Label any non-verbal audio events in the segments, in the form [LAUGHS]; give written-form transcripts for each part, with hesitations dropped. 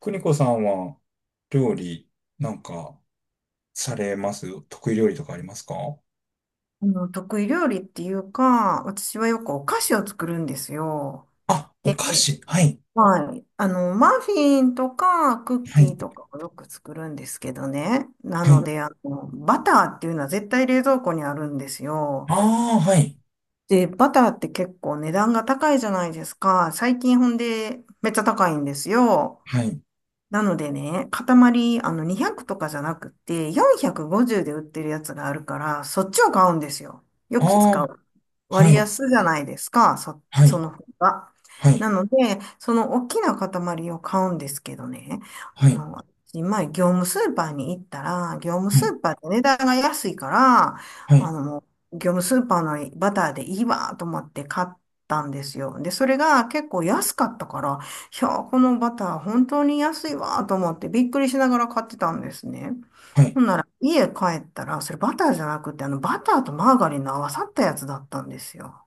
邦子さんは料理なんかされます？得意料理とかありますか？得意料理っていうか、私はよくお菓子を作るんですよ。あ、おで、菓子。はい。はい。マフィンとかクッはキい。ーとかをよく作るんですけどね。なはのい。で、バターっていうのは絶対冷蔵庫にあるんですよ。ああ、はい。で、バターって結構値段が高いじゃないですか。最近ほんでめっちゃ高いんですよ。はい。なのでね、塊、200とかじゃなくて、450で売ってるやつがあるから、そっちを買うんですよ。よく使ああ、う。は割い。安じゃないですか、はそい。の方が。はない。ので、その大きな塊を買うんですけどね、はあい。の、前、業務スーパーに行ったら、業務はスい。ーパーって値段が安いから、はい。あの、業務スーパーのバターでいいわと思って買ったんですよ。で、それが結構安かったから、いやー、このバター本当に安いわーと思ってびっくりしながら買ってたんですね。はい。ほんなら家帰ったら、それバターじゃなくて、あのバターとマーガリンの合わさったやつだったんですよ。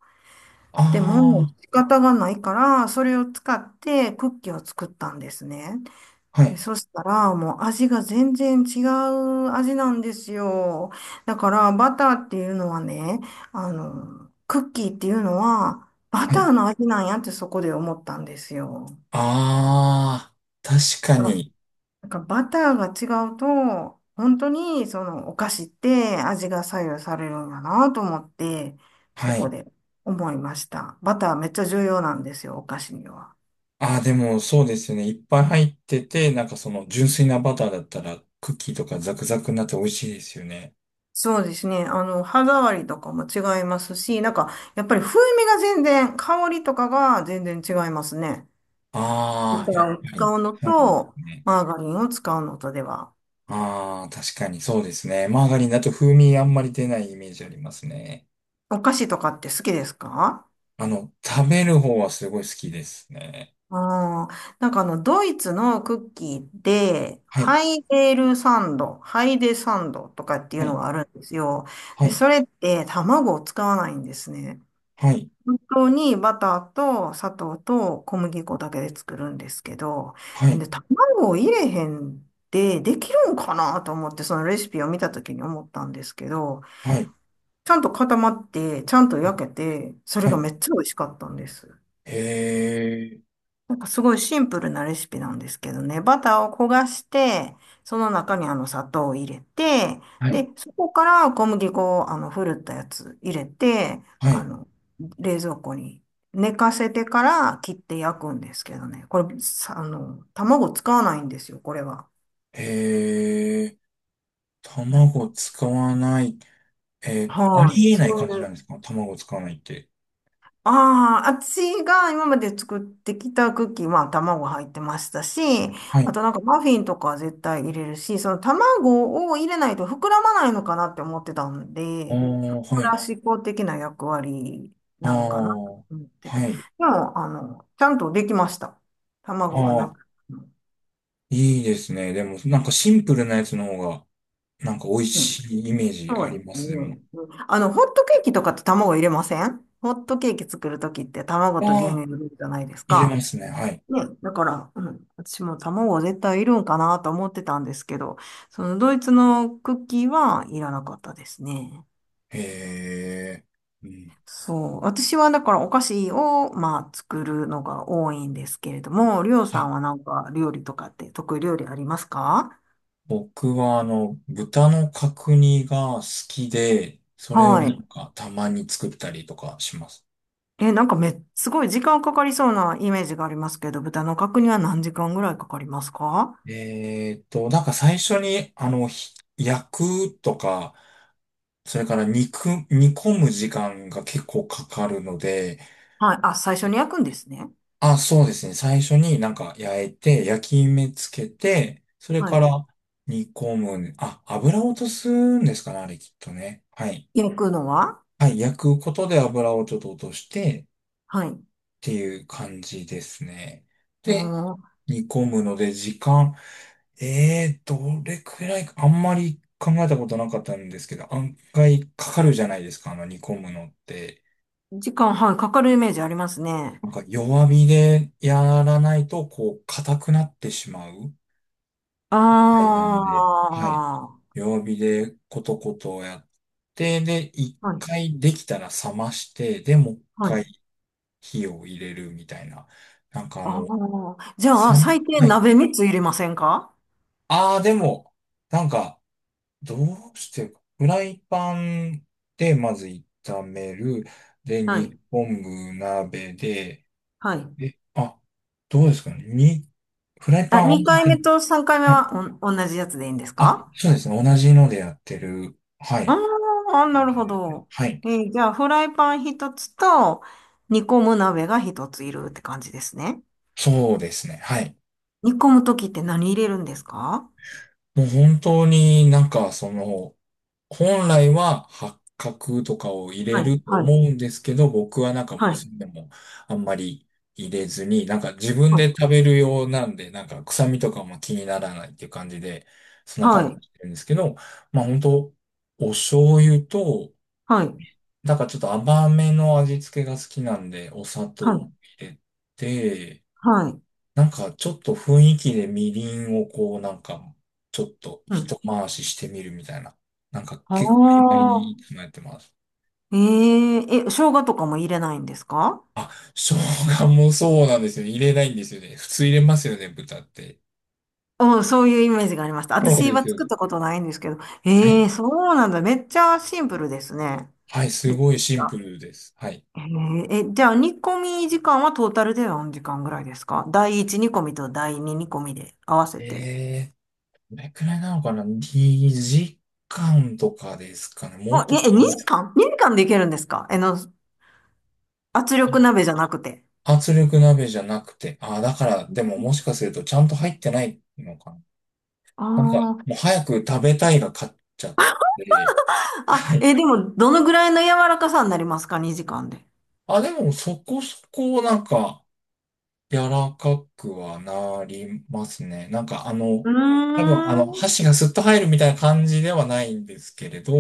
あでも、仕方がないから、それを使ってクッキーを作ったんですね。あ、はで、い。そしたら、もう味が全然違う味なんですよ。だから、バターっていうのはね、クッキーっていうのは、バはターい。の味なんやってそこで思ったんですよ。ああ、確かに。なんかバターが違うと、本当にそのお菓子って味が左右されるんだなと思って、そはこい。で思いました。バターめっちゃ重要なんですよ、お菓子には。ああ、でもそうですよね。いっぱい入ってて、なんかその純粋なバターだったらクッキーとかザクザクになって美味しいですよね。そうですね。歯触りとかも違いますし、なんか、やっぱり風味が全然、香りとかが全然違いますね。バあタあ、やっーをぱ使り。うのそうでと、すね。マーガリンを使うのとでは。ああ、確かにそうですね。マーガリンだと風味あんまり出ないイメージありますね。お菓子とかって好きですか？食べる方はすごい好きですね。ああ、なんかドイツのクッキーで、はい、ハイデルサンド、ハイデサンドとかっていはうのい、があるんですよ。はで、い、それって卵を使わないんですね。はい、本当にバターと砂糖と小麦粉だけで作るんですけど、はい、で、卵を入れへんでできるんかなと思って、そのレシピを見た時に思ったんですけど、はい、ちゃんと固まって、ちゃんと焼けて、それはがい。めっちゃ美味しかったんです。へえ、なんかすごいシンプルなレシピなんですけどね、バターを焦がして、その中に砂糖を入れて、はい、で、そこから小麦粉をふるったやつ入れて、はい、冷蔵庫に寝かせてから切って焼くんですけどね、これ、さあの、卵使わないんですよ、これは。へえ、卵使わない。あはい。りえないそう感じいなんうですか？卵使わないって。ああ、私が今まで作ってきたクッキーは卵入ってましたし、はあい、となんかマフィンとかは絶対入れるし、その卵を入れないと膨らまないのかなって思ってたんああ、で、膨はい、らし向的な役割あなのかなとあ、思ってて。ではい、も、ちゃんとできました。あ卵がなあ、くても。いいですね。でも、なんかシンプルなやつの方が、なんか美味うん、しいイメージそあうでりますね。す、でも。うんホットケーキとかって卵入れません？ホットケーキ作るときって卵あと牛乳あ、入れるじゃないです入れまか。すね。はい。ね、だから、うん、私も卵は絶対いるんかなと思ってたんですけど、そのドイツのクッキーはいらなかったですね。へえ。うん。そう。私はだからお菓子を、まあ、作るのが多いんですけれども、りょうはさんい。はなんか料理とかって得意料理ありますか？僕は、豚の角煮が好きで、それをはない。んかたまに作ったりとかします。え、なんかすごい時間かかりそうなイメージがありますけど、豚の角煮は何時間ぐらいかかりますか？なんか最初に、焼くとか、それから肉、煮込む時間が結構かかるので、はい。あ、最初に焼くんですね。あ、そうですね。最初になんか焼いて、焼き目つけて、それはかい。ら煮込むね。あ、油を落とすんですかね、あれきっとね。はい。焼くのははい。焼くことで油をちょっと落としてっはい。うていう感じですね。ーで、ん、煮込むので時間、どれくらいか、あんまり考えたことなかったんですけど、案外かかるじゃないですか、あの煮込むのって。時間、はい、かかるイメージありますね。なんか弱火でやらないと、こう、硬くなってしまう。たいあなんで、はい。弱火でコトコトやって、で、一あ、はい、回できたら冷まして、で、もう一はい。回火を入れるみたいな。なんかああ、じゃあ、三、最低はい。鍋3つ入れませんか？ああ、でも、なんか、どうしてか、フライパンでまず炒める。で、は煮い、込む鍋で、はい。え、あ、どうですかね。に、フライパンあ、合わせ2回て、目と3回目はい。は同じやつでいいんですあ、か？そうですね。同じのでやってる。はあい。あ、なるほど。はい。じゃあ、フライパン1つと、煮込む鍋が1ついるって感じですね。そうですね。はい。煮込むときって何入れるんですか？もう本当になんかその、本来は八角とかを入れはい、るとはい、思うんですけど、僕はなんかもはうい、それでもあんまり入れずに、なんか自分はい、で食べるようなんで、なんか臭みとかも気にならないっていう感じで、そんなは感じにい、してるんですけど、まあ本当お醤油と、はい、なんかちょっと甘めの味付けが好きなんで、お砂は糖い、を入れて、はい。なんかちょっと雰囲気でみりんをこうなんかちょっとうん。一回ししてみるみたいな。なんかあ結構曖昧にあ、考ってます。えええ、生姜とかも入れないんですか？あ、生姜もそうなんですよね。入れないんですよね。普通入れますよね、豚って。うん、そういうイメージがありました。そう私ではすよ作ね。ったことないんですけど。はえい。えそうなんだ。めっちゃシンプルですね。はい、すレシごいシピンプがルです。はい。えええ、じゃあ、煮込み時間はトータルで何時間ぐらいですか？第1煮込みと第2煮込みで合わせて。えどれくらいなのかな？ 2 時間とかですかね。もっあ、と、え、2時間？ 2 時間でいけるんですか？圧力鍋じゃなくて。あ、圧力鍋じゃなくて。あ、だから、でももしかするとちゃんと入ってないのかな。あなんか、ーもう早く食べたいが勝っちゃって、はあ、い。え、でも、どのぐらいの柔らかさになりますか？ 2 時間で。あ、でもそこそこなんか、柔らかくはなりますね。なんかう多分ーん。箸がスッと入るみたいな感じではないんですけれど、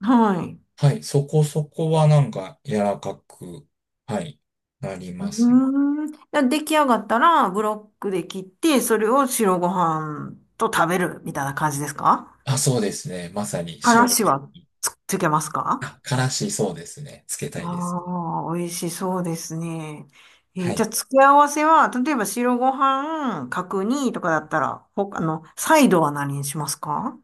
はい。はい、そこそこはなんか柔らかく、はい、なりうーますね。ん。出来上がったら、ブロックで切って、それを白ご飯と食べるみたいな感じですか？あ、そうですね。まさにか白らごし飯。はつけますか？あ、からしそうですね。つけたいですね。ああ美味しそうですね。はじゃい。あ、付け合わせは、例えば白ご飯、角煮とかだったら、ほ、あの、サイドは何にしますか？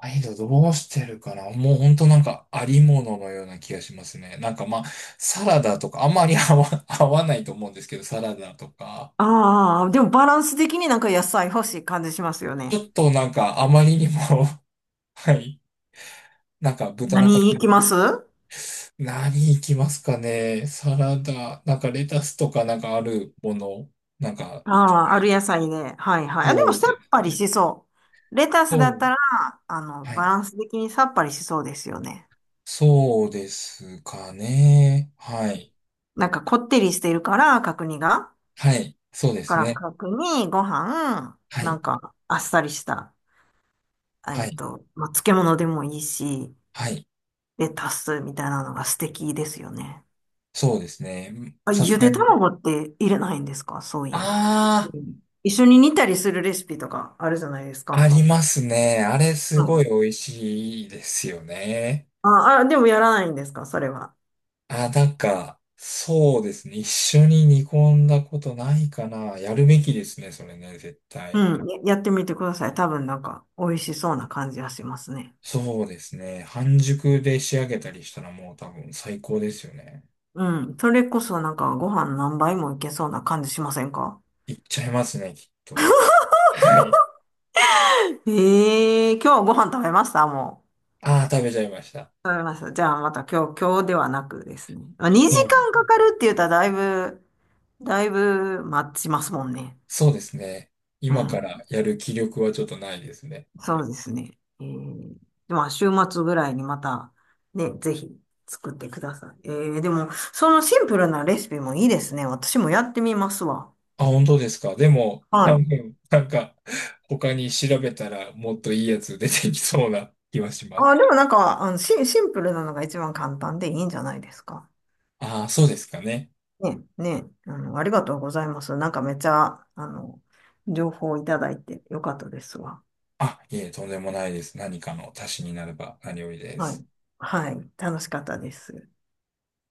アイドどうしてるかな。もうほんとなんかありもののような気がしますね。なんかまあ、サラダとか、あんまり [LAUGHS] 合わないと思うんですけど、サラダとか、ああー、でもバランス的になんか野菜欲しい感じしますよちょね。っとなんかあまりにも [LAUGHS] はい。なんか豚の角何いきま煮。す？何いきますかね。サラダ、なんかレタスとかなんかあるもの、なんか、ああ、はあい。る野菜で。はいはい。あ、でそもうさでっすぱりね。しそう。レタスそだっう。たら、はバい。ランス的にさっぱりしそうですよね。そうですかね。はい。なんかこってりしてるから、角煮が。はい。そうでだかすらね。角煮、ご飯、はない。んかあっさりした、はい。まあ、漬物でもいいし、はい。レタスみたいなのが素敵ですよね。そうですね。あ、さすゆがでに。卵って入れないんですか？そういえば。あうん、一緒に煮たりするレシピとかあるじゃないですあ、あか。りますね。あれうすごいん。美味しいですよね。ああ、でもやらないんですか？それは。あ、なんか、そうですね。一緒に煮込んだことないかな。やるべきですね、それね、絶対。うん、やってみてください。多分なんか美味しそうな感じがしますね。そうですね。半熟で仕上げたりしたらもう多分最高ですよね。うん、それこそなんかご飯何杯もいけそうな感じしませんか？いっちゃいますね、きっと。[LAUGHS] はい。ええー、今日ご飯食べました？もああ、食べちゃいました。う。食べました。じゃあまた今日、今日ではなくですね。まあ、2そうね、時間かかるって言ったらだいぶ、だいぶ待ちますもんね。そうですね。う今からん。やる気力はちょっとないですね。そうですね。えー、まあ週末ぐらいにまたね、ぜひ作ってください。でも、そのシンプルなレシピもいいですね。私もやってみますわ。あ、本当ですか。でも、は多い。分、なんか、他に調べたらもっといいやつ出てきそうな [LAUGHS] 気はしまあ、す。でもなんか、シンプルなのが一番簡単でいいんじゃないですか？ああ、そうですかね。ね、ね、ありがとうございます。なんかめっちゃ、情報をいただいてよかったですわ。あ、いえ、とんでもないです。何かの足しになれば何よりではす。い。はい。楽しかったです。